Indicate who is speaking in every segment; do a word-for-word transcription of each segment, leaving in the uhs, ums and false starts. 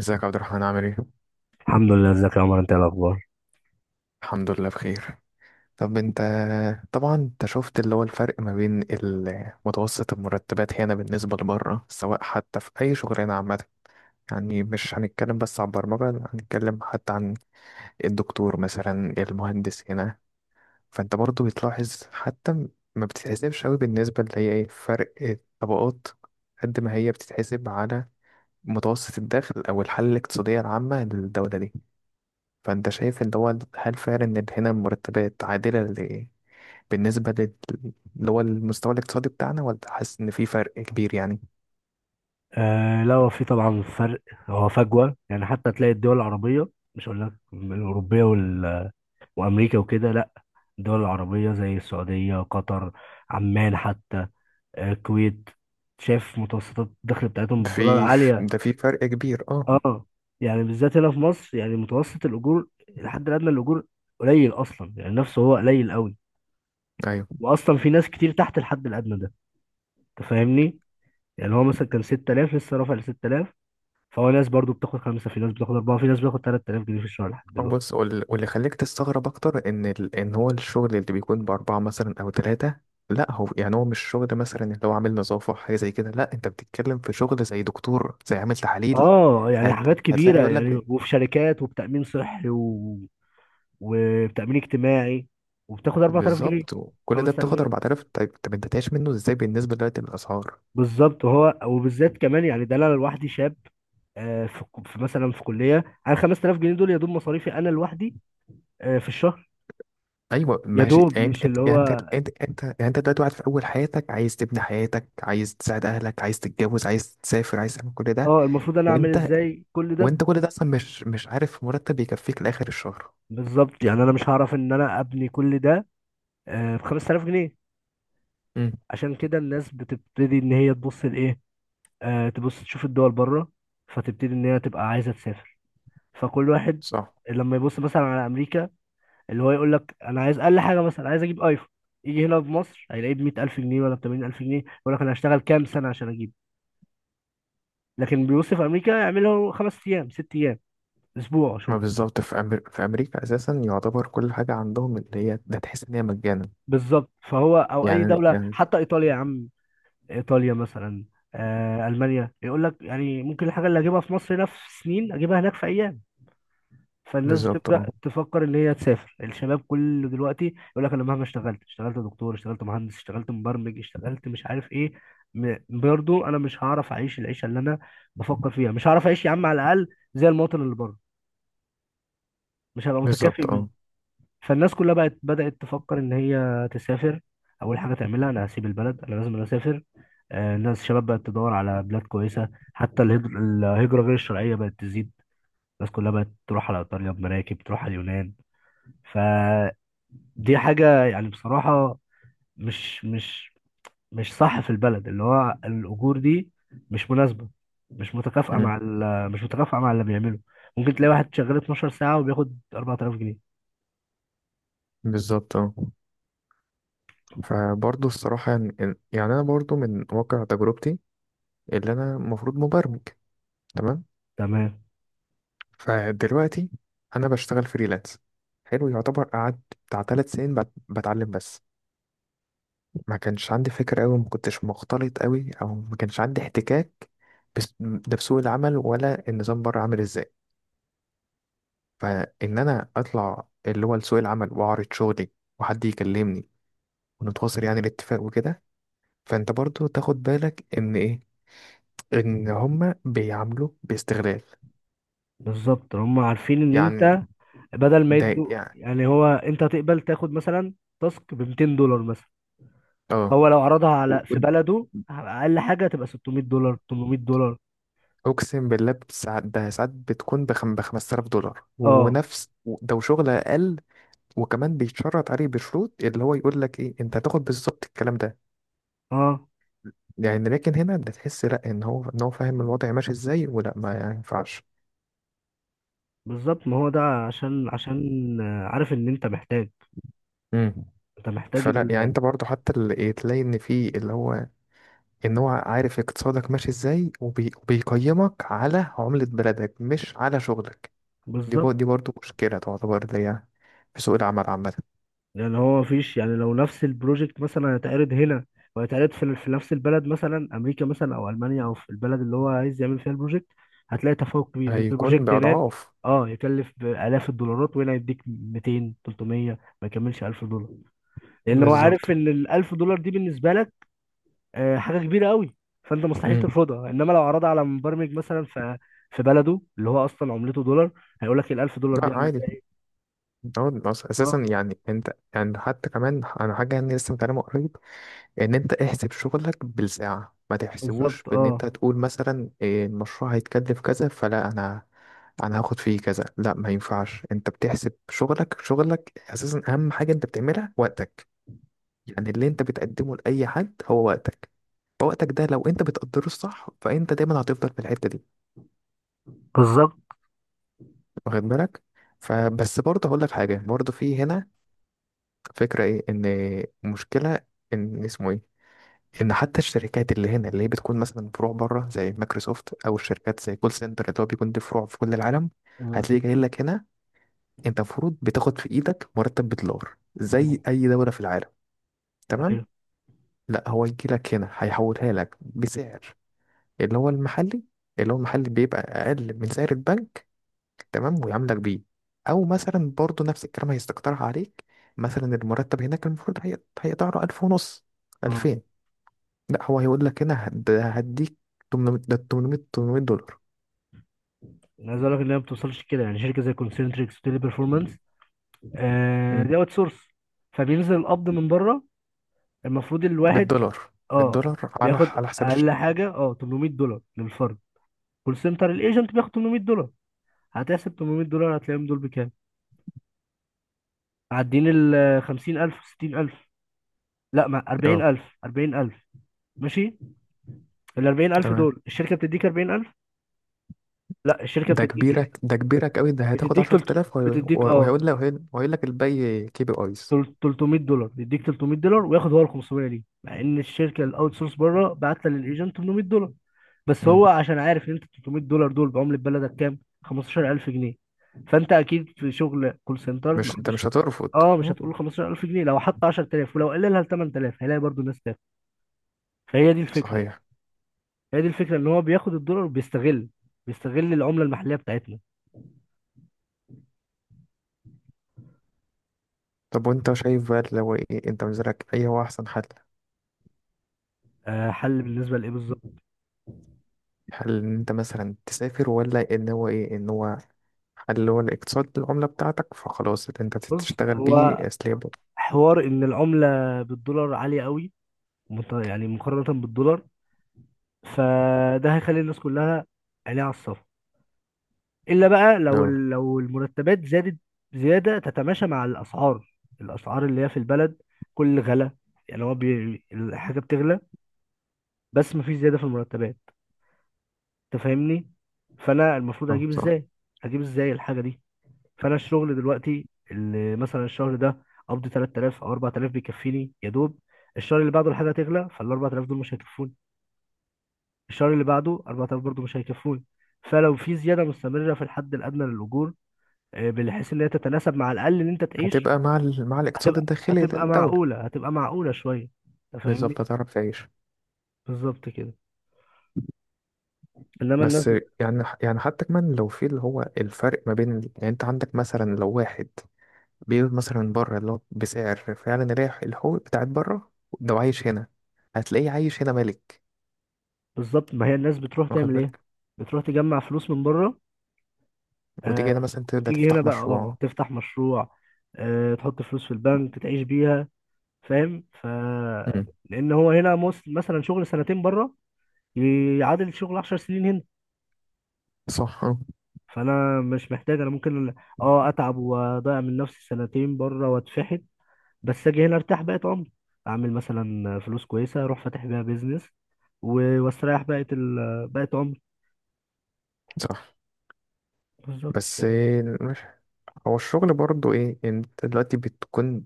Speaker 1: ازيك يا عبد الرحمن؟ عامل ايه؟
Speaker 2: الحمد لله، ازيك يا عمر؟ انت ايه الاخبار؟
Speaker 1: الحمد لله بخير. طب انت؟ طبعا انت شفت اللي هو الفرق ما بين ال- متوسط المرتبات هنا بالنسبة لبره، سواء حتى في أي شغلانة عامة. يعني مش هنتكلم بس عن البرمجة، لا، هنتكلم حتى عن الدكتور مثلا، المهندس هنا. فانت برضو بتلاحظ حتى ما بتتحسبش قوي بالنسبة اللي هي ايه فرق الطبقات، قد ما هي بتتحسب على متوسط الدخل أو الحالة الاقتصادية العامة للدولة دي. فانت شايف اللي هو هل فعلا ان هنا المرتبات عادلة، ل- بالنسبة لل- اللي هو المستوى الاقتصادي بتاعنا، ولا حاسس ان في فرق كبير يعني؟
Speaker 2: آه، لا، هو في طبعا فرق. هو فجوه، يعني حتى تلاقي الدول العربيه، مش هقول لك الاوروبيه وال... وامريكا وكده، لا. الدول العربيه زي السعوديه، قطر، عمان، حتى آه، الكويت. شايف متوسطات الدخل بتاعتهم بالدولار
Speaker 1: في
Speaker 2: عاليه.
Speaker 1: ده في فرق كبير، اه.
Speaker 2: اه، يعني بالذات هنا في مصر، يعني متوسط الاجور، الحد الادنى الاجور قليل اصلا، يعني نفسه هو قليل قوي.
Speaker 1: ايوه.
Speaker 2: واصلا في ناس كتير تحت الحد الادنى ده، انت فاهمني؟ يعني هو مثلا كان ستة آلاف، لسه رافع ل ستة آلاف. فهو ناس برضو بتاخد خمسة، في ناس بتاخد أربعة، في ناس بتاخد ثلاث تلاف جنيه في الشهر لحد
Speaker 1: أو
Speaker 2: دلوقتي.
Speaker 1: بص، وال- واللي خليك تستغرب اكتر ان ال... ان هو الشغل اللي بيكون باربعة مثلا او ثلاثة، لا هو يعني هو مش شغل مثلا اللي هو عامل نظافة، حاجة زي كده، لا، انت بتتكلم في شغل زي دكتور، زي عامل تحاليل.
Speaker 2: اه، يعني
Speaker 1: هت...
Speaker 2: حاجات
Speaker 1: هتلاقي
Speaker 2: كبيرة،
Speaker 1: يقول لك
Speaker 2: يعني
Speaker 1: بي-
Speaker 2: وفي شركات وبتأمين صحي و... وبتأمين اجتماعي، وبتاخد اربعة آلاف جنيه،
Speaker 1: بالظبط. وكل ده
Speaker 2: 5000
Speaker 1: بتاخد
Speaker 2: جنيه
Speaker 1: أربعة آلاف؟ طيب طب انت تعيش منه ازاي بالنسبة دلوقتي للأسعار؟
Speaker 2: بالظبط، وهو وبالذات كمان، يعني ده انا لوحدي شاب. آه، في في مثلا في كلية، انا خمس تلاف جنيه دول يا دوب مصاريفي انا لوحدي، آه، في الشهر.
Speaker 1: ايوه
Speaker 2: يا
Speaker 1: ماشي.
Speaker 2: دوب
Speaker 1: يعني انت
Speaker 2: مش اللي
Speaker 1: كت-
Speaker 2: هو،
Speaker 1: يعني انت انت انت يعني انت دلوقتي واحد في اول حياتك، عايز تبني حياتك، عايز تساعد اهلك، عايز تتجوز، عايز تسافر، عايز تعمل كل ده.
Speaker 2: اه المفروض انا اعمل
Speaker 1: وانت
Speaker 2: ازاي كل ده
Speaker 1: وانت
Speaker 2: ب-
Speaker 1: كل ده اصلا مش مش عارف مرتب يكفيك لاخر الشهر.
Speaker 2: بالظبط، يعني انا مش هعرف ان انا ابني كل ده آه، ب خمسة آلاف جنيه.
Speaker 1: امم.
Speaker 2: عشان كده الناس بتبتدي ان هي تبص لايه، آه تبص تشوف الدول بره، فتبتدي ان هي تبقى عايزه تسافر. فكل واحد
Speaker 1: صح.
Speaker 2: لما يبص مثلا على امريكا، اللي هو يقول لك انا عايز اقل حاجه، مثلا عايز اجيب ايفون، يجي هنا في مصر هيلاقيه ب مية الف جنيه ولا ب تمانين الف جنيه، يقول لك انا هشتغل كام سنه عشان اجيب. لكن بيبص في امريكا يعمله خمس ايام، ست ايام، اسبوع
Speaker 1: ما
Speaker 2: شغل.
Speaker 1: بالظبط، في أمر... في امريكا اساسا يعتبر كل حاجه عندهم اللي هي ده تحس ان هي مجانا.
Speaker 2: بالظبط، فهو او اي
Speaker 1: يعني
Speaker 2: دوله،
Speaker 1: يعني
Speaker 2: حتى ايطاليا يا عم، ايطاليا مثلا، آه المانيا، يقول لك يعني ممكن الحاجه اللي اجيبها في مصر هنا في سنين، اجيبها هناك في ايام. فالناس
Speaker 1: بالظبط، اه.
Speaker 2: بتبدا تفكر اللي هي تسافر. الشباب كله دلوقتي يقول لك انا مهما اشتغلت، اشتغلت دكتور، اشتغلت مهندس، اشتغلت مبرمج، اشتغلت مش عارف ايه، م- برضه انا مش هعرف اعيش العيشه اللي انا بفكر فيها، مش هعرف اعيش يا عم، على الاقل زي المواطن اللي بره، مش هبقى متكافئ
Speaker 1: بالظبط،
Speaker 2: بيه.
Speaker 1: اه.
Speaker 2: فالناس كلها بقت بدات تفكر ان هي تسافر. اول حاجه تعملها، انا هسيب البلد، انا لازم أنا اسافر. آه، الناس الشباب بقت تدور على بلاد كويسه، حتى الهجر- الهجره غير الشرعيه بقت تزيد. الناس كلها بقت تروح على ايطاليا بمراكب، تروح على اليونان. فدي حاجة يعني بصراحة مش مش مش صح، في البلد اللي هو الأجور دي مش مناسبة، مش متكافئة
Speaker 1: أمم.
Speaker 2: مع ال- مش متكافئة مع اللي بيعمله. ممكن تلاقي واحد شغال اتناشر ساعة وبياخد اربعة آلاف جنيه.
Speaker 1: بالظبط، اه. فبرضه الصراحه يعني يعني انا برضه من واقع تجربتي، اللي انا المفروض مبرمج، تمام.
Speaker 2: تمام.
Speaker 1: فدلوقتي انا بشتغل فريلانس، حلو يعتبر. قعدت بتاع ثلاث سنين بت- بتعلم بس، ما كانش عندي فكرة قوي، ما كنتش مختلط قوي، او ما كانش عندي احتكاك بس- ده بسوق العمل ولا النظام بره عامل ازاي. فان انا اطلع اللي هو لسوق العمل واعرض شغلي، وحد يكلمني ونتواصل يعني الاتفاق وكده. فانت برضو تاخد بالك ان ايه، ان هما بيعاملوا باستغلال.
Speaker 2: بالظبط، هم عارفين إن
Speaker 1: يعني
Speaker 2: أنت، بدل ما
Speaker 1: ده،
Speaker 2: يدوا،
Speaker 1: يعني
Speaker 2: يعني هو أنت هتقبل تاخد مثلا تاسك ب ميتين دولار مثلا،
Speaker 1: اه،
Speaker 2: هو لو عرضها على في بلده، أقل حاجة تبقى ستمئة دولار، تمن ميه دولار.
Speaker 1: اقسم بالله ساعات، ده ساعات بتكون بخم ب خمسة آلاف دولار
Speaker 2: اه،
Speaker 1: ونفس ده، وشغل اقل. وكمان بيتشرط عليه بشروط، اللي هو يقول لك ايه، انت هتاخد بالظبط الكلام ده.
Speaker 2: اه،
Speaker 1: يعني لكن هنا ده تحس لا ان هو ان هو فاهم الوضع ماشي ازاي ولا ما ينفعش.
Speaker 2: بالظبط. ما هو ده عشان عشان آه، عارف ان انت محتاج.
Speaker 1: امم.
Speaker 2: انت محتاج
Speaker 1: فلا يعني
Speaker 2: ال...
Speaker 1: انت برضو حتى اللي إيه، تلاقي ان في اللي هو ان هو عارف اقتصادك ماشي ازاي، وبي- وبيقيمك على عملة بلدك مش على شغلك. دي بر-
Speaker 2: بالظبط.
Speaker 1: دي برضو مشكلة تعتبر، اللي هي في سوق العمل عامة.
Speaker 2: يعني هو مفيش، يعني لو نفس البروجكت مثلا هيتعرض هنا، وهيتعرض في, في نفس البلد، مثلا امريكا، مثلا او المانيا، او في البلد اللي هو عايز يعمل فيها البروجكت، هتلاقي تفاوت كبير. ممكن
Speaker 1: هيكون
Speaker 2: البروجكت هناك
Speaker 1: بأضعاف.
Speaker 2: اه يكلف بالاف الدولارات، وهنا يديك ميتين، تلت ميه، ما يكملش ألف دولار، لان هو
Speaker 1: بالظبط.
Speaker 2: عارف ان ال ألف دولار دي بالنسبه لك آه، حاجه كبيره قوي، فانت مستحيل
Speaker 1: امم.
Speaker 2: ترفضها. انما لو عرضها على مبرمج مثلا في في بلده، اللي هو اصلا عملته دولار، هيقول لك ال ألف دولار
Speaker 1: لا
Speaker 2: دي عامل
Speaker 1: عادي.
Speaker 2: ايه؟
Speaker 1: هو أص- اساسا
Speaker 2: اه،
Speaker 1: يعني انت، يعني حتى كمان انا حاجه يعني لسه متعلمه قريب، ان انت احسب شغلك بالساعه، ما تحسبوش
Speaker 2: بالظبط.
Speaker 1: بان انت
Speaker 2: اه،
Speaker 1: تقول مثلا إيه المشروع هيتكلف كذا، فلا، انا انا هاخد فيه كذا، لا ما ينفعش. انت بتحسب شغلك، شغلك اساسا اهم حاجه انت بتعملها وقتك. يعني اللي انت بتقدمه لاي حد هو وقتك. فوقتك ده لو انت بتقدره الصح، فانت دايما هتفضل في الحته دي.
Speaker 2: بالظبط.
Speaker 1: واخد بالك. فبس برضه هقول لك حاجه، برضه في هنا فكرة ايه، ان المشكلة، ان اسمه ايه، ان حتى الشركات اللي هنا، اللي هي بتكون مثلا فروع بره زي مايكروسوفت، او الشركات زي كول سنتر اللي هو بيكون دي فروع في كل العالم،
Speaker 2: آه.
Speaker 1: هتلاقي جاي لك هنا. انت المفروض بتاخد في ايدك مرتب بدولار زي
Speaker 2: أنا-
Speaker 1: اي دولة في العالم،
Speaker 2: ايوه،
Speaker 1: تمام؟ لا، هو يجي لك هنا، هيحولها لك بسعر اللي هو المحلي، اللي هو المحلي بيبقى اقل من سعر البنك، تمام، ويعاملك بيه. او مثلا برضو نفس الكلام هيستقطرها عليك، مثلا المرتب هناك المفروض هي... هيقدر ألف ونص،
Speaker 2: اه.
Speaker 1: ألفين، لا هو هيقول لك هنا هد... هديك تمنمية، ده تمنمية، تمنمية دولار.
Speaker 2: انا عايز اقول لك ان هي ما بتوصلش كده، يعني شركه زي كونسنتريكس وتيلي بيرفورمانس، آه
Speaker 1: مم.
Speaker 2: دي اوت سورس. فبينزل القبض من بره، المفروض الواحد
Speaker 1: بالدولار.
Speaker 2: اه
Speaker 1: بالدولار، على
Speaker 2: بياخد
Speaker 1: على حساب
Speaker 2: اقل
Speaker 1: الشركة،
Speaker 2: حاجه اه تمن ميه دولار للفرد. كول سنتر، الايجنت بياخد تمن ميه دولار. هتحسب تمن ميه دولار، هتلاقيهم دول بكام؟ معديين ال خمسين الف، ستين الف؟ لا، ما
Speaker 1: اه.
Speaker 2: اربعين الف، اربعين الف. ماشي، ال اربعين الف
Speaker 1: تمام.
Speaker 2: دول الشركة بتديك اربعين الف؟ لا، الشركة
Speaker 1: ده
Speaker 2: بتديك ايه؟
Speaker 1: كبيرك، ده كبيرك قوي، ده هتاخد
Speaker 2: بتديك تلت...
Speaker 1: عشر تلاف وهي-
Speaker 2: بتديك اه
Speaker 1: وهيقول لك، وهيقول لك الباقي كي بي ايز.
Speaker 2: تل- ثلاثمئة دولار، يديك تلت ميه دولار وياخد هو ال خمسمئة. ليه؟ مع ان الشركة الاوت سورس بره بعت للايجنت تمن ميه دولار، بس
Speaker 1: مم.
Speaker 2: هو عشان عارف ان انت تلت ميه دولار دول بعملة بلدك كام؟ خمستاشر الف جنيه. فانت اكيد في شغل كول سنتر ما
Speaker 1: مش انت
Speaker 2: حدش،
Speaker 1: مش هترفض.
Speaker 2: اه مش
Speaker 1: أه.
Speaker 2: هتقول خمستاشر الف جنيه، لو حط عشر تلاف ولو قللها ل ثمانية آلاف هيلاقي برضو الناس تاخد. فهي دي الفكرة،
Speaker 1: صحيح.
Speaker 2: هي دي الفكره، ان هو بياخد الدولار، بيستغل بيستغل العمله المحليه بتاعتنا.
Speaker 1: طب وانت شايف بقى، لو ايه انت بالنسبه لك ايه هو احسن حل؟
Speaker 2: آه، حل بالنسبه لايه بالظبط؟
Speaker 1: هل إن انت مثلا تسافر، ولا ان هو ايه ان هو، هل هو الاقتصاد، العملة بتاعتك، فخلاص اللي انت
Speaker 2: بص
Speaker 1: تشتغل
Speaker 2: هو،
Speaker 1: بيه اسلام؟
Speaker 2: حوار ان العمله بالدولار عاليه قوي، مت- يعني مقارنه بالدولار، فده هيخلي الناس كلها عينيها على الصفر. الا بقى لو
Speaker 1: لا.
Speaker 2: ال- لو المرتبات زادت زياده تتماشى مع الاسعار، الاسعار اللي هي في البلد، كل غلا. يعني هو بي... الحاجه بتغلى، بس مفيش زياده في المرتبات، انت فاهمني؟ فانا المفروض
Speaker 1: اه،
Speaker 2: اجيب
Speaker 1: صح.
Speaker 2: ازاي؟ اجيب ازاي الحاجه دي؟ فانا الشغل دلوقتي، اللي مثلا الشهر ده قبضي ثلاثة آلاف او اربعة آلاف، بيكفيني يا دوب. الشهر اللي بعده الحاجه تغلى، فال اربعة آلاف دول مش هيكفوني. الشهر اللي بعده اربعة آلاف برضه مش هيكفوني. فلو في زياده مستمره في الحد الادنى للاجور، آه، بحيث ان هي تتناسب مع الاقل اللي انت تعيش،
Speaker 1: هتبقى مع ال... مع الاقتصاد
Speaker 2: هتبقى
Speaker 1: الداخلي
Speaker 2: هتبقى
Speaker 1: للدولة.
Speaker 2: معقوله، هتبقى معقوله شويه، انت فاهمني؟
Speaker 1: بالظبط، هتعرف تعيش.
Speaker 2: بالظبط كده. انما الناس،
Speaker 1: بس يعني يعني حتى كمان لو في اللي هو الفرق ما بين ال- يعني انت عندك مثلا لو واحد بيقول مثلا بره اللي هو بسعر فعلا رايح الحقوق بتاعت بره، لو عايش هنا هتلاقيه عايش هنا ملك.
Speaker 2: بالظبط، ما هي الناس بتروح
Speaker 1: واخد
Speaker 2: تعمل ايه؟
Speaker 1: بالك.
Speaker 2: بتروح تجمع فلوس من بره.
Speaker 1: وتيجي هنا
Speaker 2: آه،
Speaker 1: مثلا تبدأ
Speaker 2: وتيجي هنا
Speaker 1: تفتح
Speaker 2: بقى اه
Speaker 1: مشروع.
Speaker 2: تفتح مشروع، آه تحط فلوس في البنك تعيش بيها، فاهم؟ ف
Speaker 1: مم.
Speaker 2: لان هو هنا مس- مثلا شغل سنتين بره يعادل شغل عشر سنين هنا.
Speaker 1: صح، اه.
Speaker 2: فانا مش محتاج. انا ممكن اه اتعب واضيع من نفسي سنتين بره واتفحت، بس اجي هنا ارتاح بقيت عمري، اعمل مثلا فلوس كويسه، اروح فاتح بيها بيزنس، و- واستريح بقيه ال... بقيه عمري.
Speaker 1: صح.
Speaker 2: بالظبط
Speaker 1: بس
Speaker 2: كده.
Speaker 1: إيه، مش هو الشغل برضه ايه؟ انت دلوقتي بتكون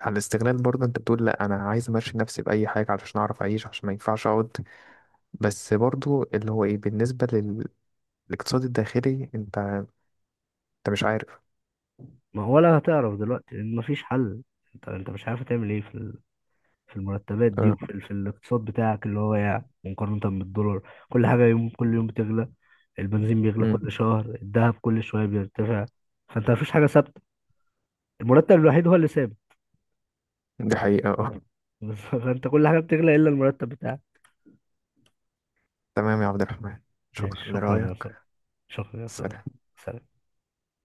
Speaker 1: على الاستغلال، برضه انت بتقول لا، انا عايز امشي نفسي باي حاجه علشان اعرف اعيش، عشان ما ينفعش اقعد. بس برضه اللي هو ايه، بالنسبه لل- للاقتصاد الداخلي، انت انت مش عارف.
Speaker 2: ما هو ولا هتعرف دلوقتي، لأن مفيش حل. انت انت مش عارف تعمل ايه في في المرتبات دي، وفي
Speaker 1: اه.
Speaker 2: ال- في الاقتصاد بتاعك اللي هو يعني مقارنة بالدولار. كل حاجة يوم، كل يوم بتغلى. البنزين بيغلى كل
Speaker 1: امم.
Speaker 2: شهر، الذهب كل شوية بيرتفع، فانت مفيش حاجة ثابتة. المرتب الوحيد هو اللي ثابت.
Speaker 1: دي حقيقه، اه.
Speaker 2: بس فانت كل حاجة بتغلى إلا المرتب بتاعك.
Speaker 1: تمام يا عبد الرحمن،
Speaker 2: ماشي،
Speaker 1: شكرا
Speaker 2: شكرا يا صاحبي.
Speaker 1: لرايك.
Speaker 2: شكرا يا صاحبي.
Speaker 1: سلام.
Speaker 2: سلام.